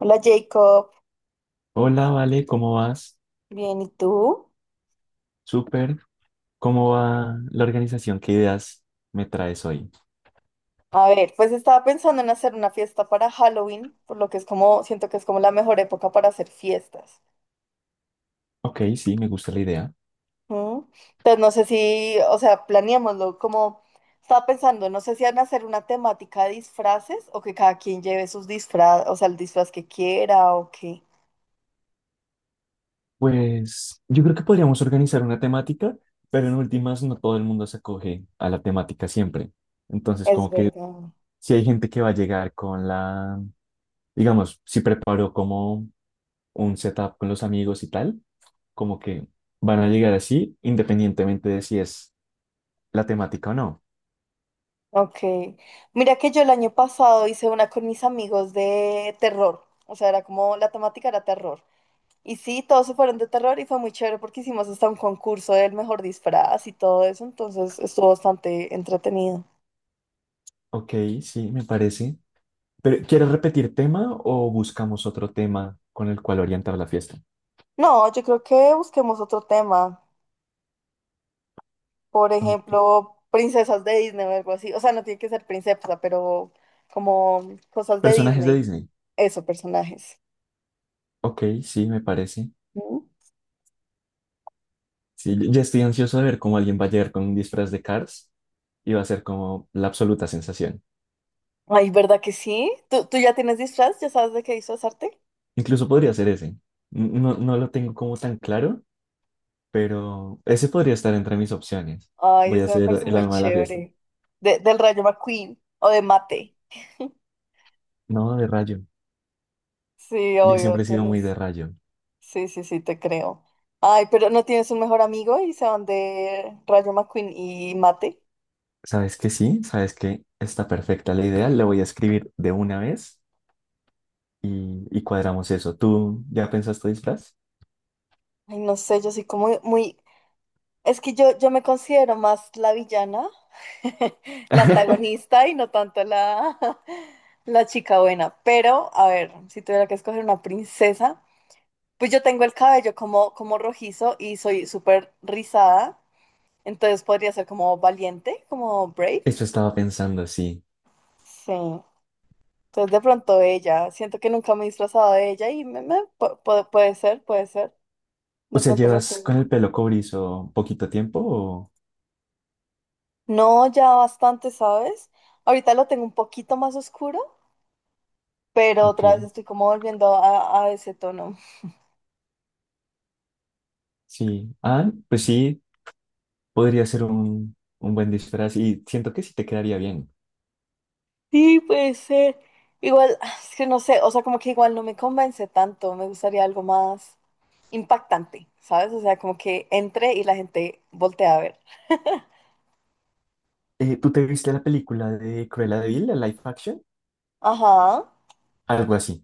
Hola Jacob, Hola, Vale, ¿cómo vas? bien, ¿y tú? Súper. ¿Cómo va la organización? ¿Qué ideas me traes hoy? A ver, pues estaba pensando en hacer una fiesta para Halloween, por lo que es como, siento que es como la mejor época para hacer fiestas. Ok, sí, me gusta la idea. ¿Mm? Entonces no sé si, o sea, planeémoslo, como estaba pensando, no sé si van a hacer una temática de disfraces o que cada quien lleve sus disfraz, o sea, el disfraz que quiera o qué. Pues yo creo que podríamos organizar una temática, pero en últimas no todo el mundo se acoge a la temática siempre. Entonces, Es como que verdad. si hay gente que va a llegar con digamos, si preparó como un setup con los amigos y tal, como que van a llegar así, independientemente de si es la temática o no. Ok. Mira que yo el año pasado hice una con mis amigos de terror, o sea, era como la temática era terror. Y sí, todos se fueron de terror y fue muy chévere porque hicimos hasta un concurso del mejor disfraz y todo eso, entonces estuvo bastante entretenido. Ok, sí, me parece. Pero, ¿quieres repetir tema o buscamos otro tema con el cual orientar la fiesta? No, yo creo que busquemos otro tema, por Ok. ejemplo, princesas de Disney o algo así, o sea, no tiene que ser princesa, pero como cosas de Personajes de Disney, Disney. eso, personajes. Ok, sí, me parece. ¿Mm? Sí, ya estoy ansioso de ver cómo alguien va a llegar con un disfraz de Cars y va a ser como la absoluta sensación. Ay, ¿verdad que sí? ¿Tú ya tienes disfraz? ¿Ya sabes de qué disfrazarte? Incluso podría ser ese. No, no lo tengo como tan claro, pero ese podría estar entre mis opciones. Ay, Voy a eso me ser parece el muy alma de la fiesta. chévere. Del Rayo McQueen o de Mate. No, de rayo. Sí, Yo obvio, siempre he sido tienes. muy de rayo. Sí, sí, sí, te creo. Ay, pero ¿no tienes un mejor amigo y se van de Rayo McQueen y Mate? ¿Sabes que sí? ¿Sabes que está perfecta la idea? La voy a escribir de una vez y cuadramos eso. ¿Tú ya pensaste disfraz? Ay, no sé, yo soy como muy... Es que yo me considero más la villana, la antagonista y no tanto la, la chica buena. Pero, a ver, si tuviera que escoger una princesa, pues yo tengo el cabello como rojizo y soy súper rizada, entonces podría ser como valiente, como brave. Eso estaba pensando, sí. Sí. Entonces de pronto ella, siento que nunca me he disfrazado de ella y puede ser, puede ser. O De sea, pronto me ¿llevas con acuerdo. el pelo cobrizo poquito tiempo o...? No, ya bastante, ¿sabes? Ahorita lo tengo un poquito más oscuro, pero Ok, otra vez estoy como volviendo a ese tono. sí. Ah, pues sí, podría ser un buen disfraz y siento que sí te quedaría bien. Sí, puede ser. Igual, es que no sé, o sea, como que igual no me convence tanto, me gustaría algo más impactante, ¿sabes? O sea, como que entre y la gente voltea a ver. ¿Tú te viste la película de Cruella de Vil, la live action? Ajá. Algo así.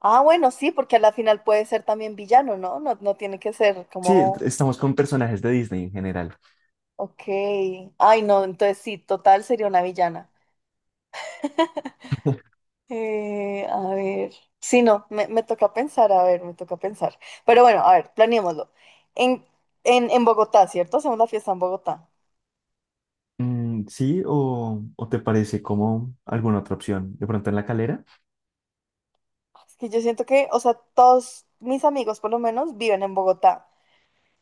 Ah, bueno, sí, porque a la final puede ser también villano, ¿no? No, no tiene que ser Sí, como... estamos con personajes de Disney en general. Ok. Ay, no, entonces sí, total sería una villana. A ver. Sí, no, me toca pensar, a ver, me toca pensar. Pero bueno, a ver, planeémoslo. En, en Bogotá, ¿cierto? Hacemos la fiesta en Bogotá. Mm, sí, ¿o, o te parece como alguna otra opción? ¿De pronto en la Calera? Es que yo siento que, o sea, todos mis amigos por lo menos viven en Bogotá.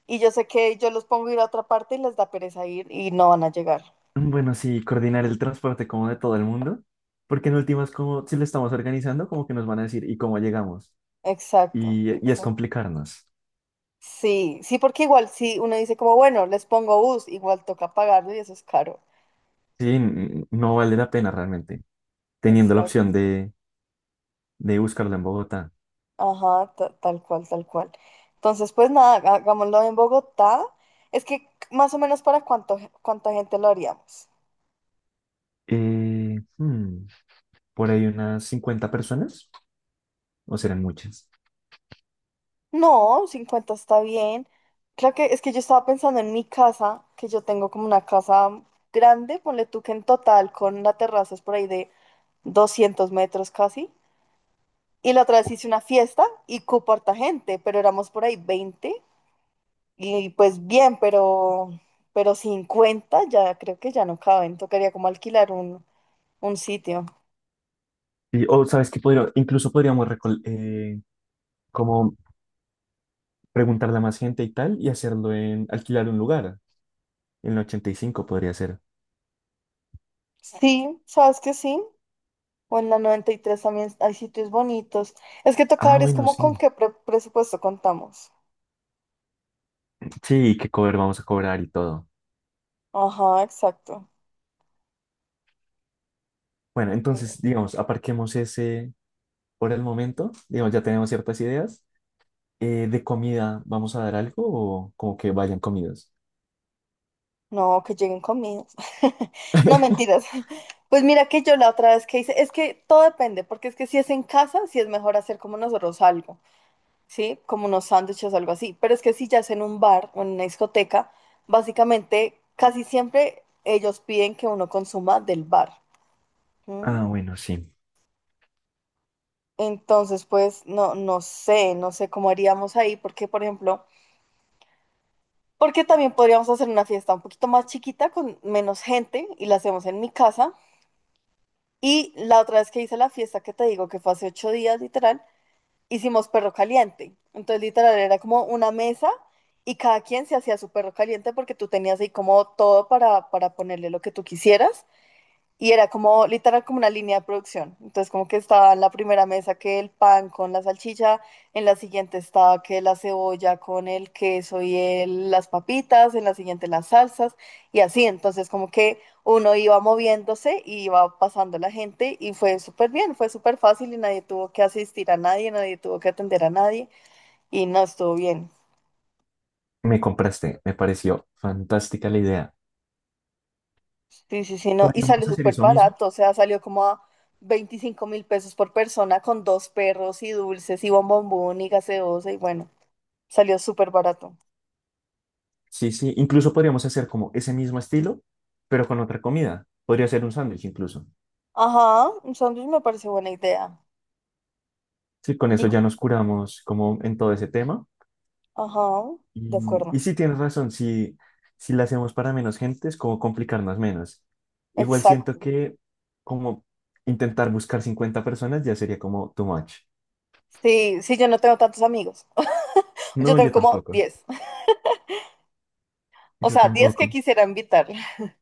Y yo sé que yo los pongo a ir a otra parte y les da pereza ir y no van a llegar. Bueno, sí, coordinar el transporte como de todo el mundo, porque en últimas, como si lo estamos organizando, como que nos van a decir, ¿y cómo llegamos? Exacto, Y es exacto. complicarnos. Sí, sí, porque igual si uno dice como, bueno, les pongo bus, igual toca pagarlo y eso es caro. Sí, no vale la pena realmente, teniendo la Exacto. opción de buscarlo en Bogotá. Ajá, tal cual, tal cual. Entonces, pues nada, hagámoslo en Bogotá. Es que más o menos para cuánto, cuánta gente lo haríamos. Eh, hmm, por ahí unas 50 personas, o serán muchas. No, 50 está bien. Claro que es que yo estaba pensando en mi casa, que yo tengo como una casa grande, ponle tú que en total con la terraza es por ahí de 200 metros casi. Y la otra vez hice una fiesta y cupo harta gente, pero éramos por ahí 20. Y pues bien, pero 50 ya creo que ya no caben. Tocaría como alquilar un sitio. Y, o sabes que podría, incluso podríamos como preguntarle a más gente y tal, y hacerlo en alquilar un lugar. En el 85 podría ser. Sí, sabes que sí. O en la 93 también hay sitios bonitos. Es que toca Ah, ver es bueno, como con sí. qué presupuesto contamos. Sí, qué cover vamos a cobrar y todo. Ajá, exacto. Bueno, entonces, digamos, aparquemos ese por el momento. Digamos, ya tenemos ciertas ideas. ¿De comida vamos a dar algo o como que vayan comidas? No, que lleguen comidas. No, mentiras. Pues mira que yo la otra vez que hice, es que todo depende, porque es que si es en casa, si es mejor hacer como nosotros algo. ¿Sí? Como unos sándwiches o algo así. Pero es que si ya es en un bar o en una discoteca, básicamente casi siempre ellos piden que uno consuma del bar. ¿M? Ah, bueno, sí. Entonces, pues no, no sé, no sé cómo haríamos ahí, porque por ejemplo, porque también podríamos hacer una fiesta un poquito más chiquita con menos gente y la hacemos en mi casa. Y la otra vez que hice la fiesta que te digo que fue hace 8 días, literal, hicimos perro caliente. Entonces, literal, era como una mesa y cada quien se hacía su perro caliente porque tú tenías ahí como todo para ponerle lo que tú quisieras. Y era como literal como una línea de producción. Entonces como que estaba en la primera mesa que el pan con la salchicha, en la siguiente estaba que la cebolla con el queso y las papitas, en la siguiente las salsas y así. Entonces como que uno iba moviéndose y iba pasando la gente y fue súper bien, fue súper fácil y nadie tuvo que asistir a nadie, nadie tuvo que atender a nadie y no estuvo bien. Me compraste. Me pareció fantástica la idea. Sí, sí, sí, no. Y sale ¿Podríamos hacer súper eso mismo? barato, o sea, salió como a 25 mil pesos por persona con dos perros y dulces y bombombón y gaseosa y bueno, salió súper barato. Sí, sí. Incluso podríamos hacer como ese mismo estilo, pero con otra comida. Podría ser un sándwich incluso. Ajá, un sándwich me parece buena idea. Sí, con Y, eso ya nos curamos como en todo ese tema. ajá, de Y acuerdo. sí, tienes razón, si, si la hacemos para menos gente es como complicarnos menos. Igual siento Exacto. que como intentar buscar 50 personas ya sería como too much. Sí, sí, yo no tengo tantos amigos. Yo No, tengo yo como tampoco, 10. O yo sea, 10 que tampoco. quisiera invitar.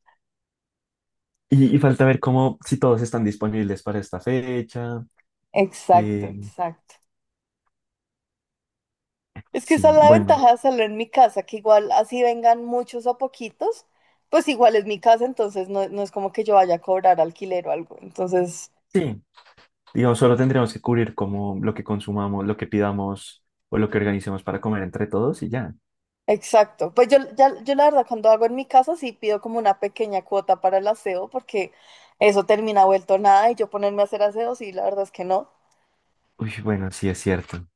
Y falta ver cómo, si todos están disponibles para esta fecha, Exacto, que exacto. Es que sí, esa es la bueno, ventaja de hacerlo en mi casa, que igual así vengan muchos o poquitos, pues igual es mi casa, entonces no, no es como que yo vaya a cobrar alquiler o algo. Entonces, sí, digamos, solo tendríamos que cubrir como lo que consumamos, lo que pidamos o lo que organicemos para comer entre todos y ya. exacto. Pues yo, yo la verdad cuando hago en mi casa sí pido como una pequeña cuota para el aseo, porque eso termina vuelto nada y yo ponerme a hacer aseo, sí, la verdad es que no. Uy, bueno, sí es cierto.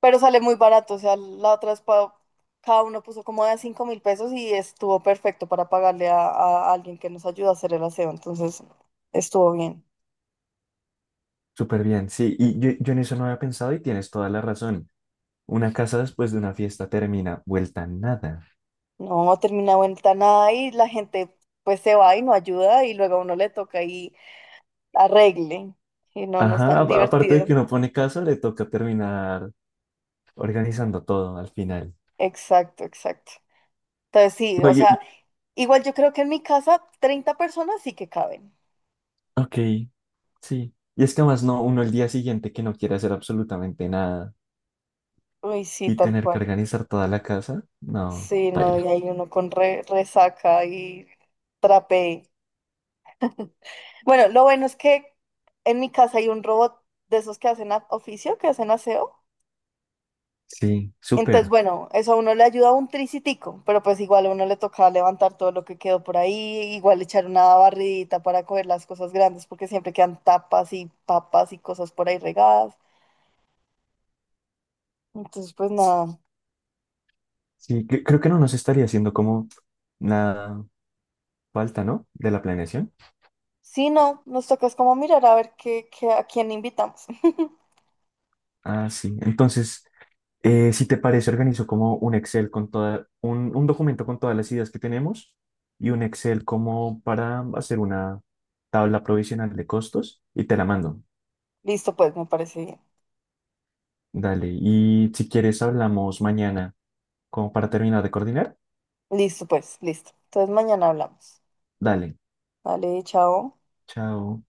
Pero sale muy barato, o sea, la otra vez cada uno puso como de 5.000 pesos y estuvo perfecto para pagarle a alguien que nos ayuda a hacer el aseo, entonces estuvo bien. Súper bien, sí, yo en eso no había pensado y tienes toda la razón. Una casa después de una fiesta termina vuelta nada. No, termina ventana ahí, la gente pues se va y no ayuda y luego a uno le toca ahí arregle. Y no, no es Ajá, tan aparte de que divertido. uno pone casa, le toca terminar organizando todo al final. Exacto, exacto. Entonces sí, No, o sea, igual yo creo que en mi casa 30 personas sí que caben. ok, sí. Y es que además no, uno el día siguiente que no quiere hacer absolutamente nada Uy, sí, y tal tener que cual. organizar toda la casa, no, Sí, no, y paila. hay uno con resaca y trapé. Bueno, lo bueno es que en mi casa hay un robot de esos que hacen oficio, que hacen aseo. Sí, Entonces, súper. bueno, eso a uno le ayuda un tricitico, pero pues igual a uno le toca levantar todo lo que quedó por ahí, igual echar una barridita para coger las cosas grandes, porque siempre quedan tapas y papas y cosas por ahí regadas. Entonces, pues nada. Sí, creo que no nos estaría haciendo como nada falta, ¿no? De la planeación. Sí, no, nos toca es como mirar a ver qué, a quién invitamos. Ah, sí. Entonces... si te parece, organizo como un Excel con toda, un documento con todas las ideas que tenemos y un Excel como para hacer una tabla provisional de costos y te la mando. Listo, pues, me parece bien. Dale. Y si quieres, hablamos mañana como para terminar de coordinar. Listo, pues, listo. Entonces mañana hablamos. Dale. Vale, chao. Chao.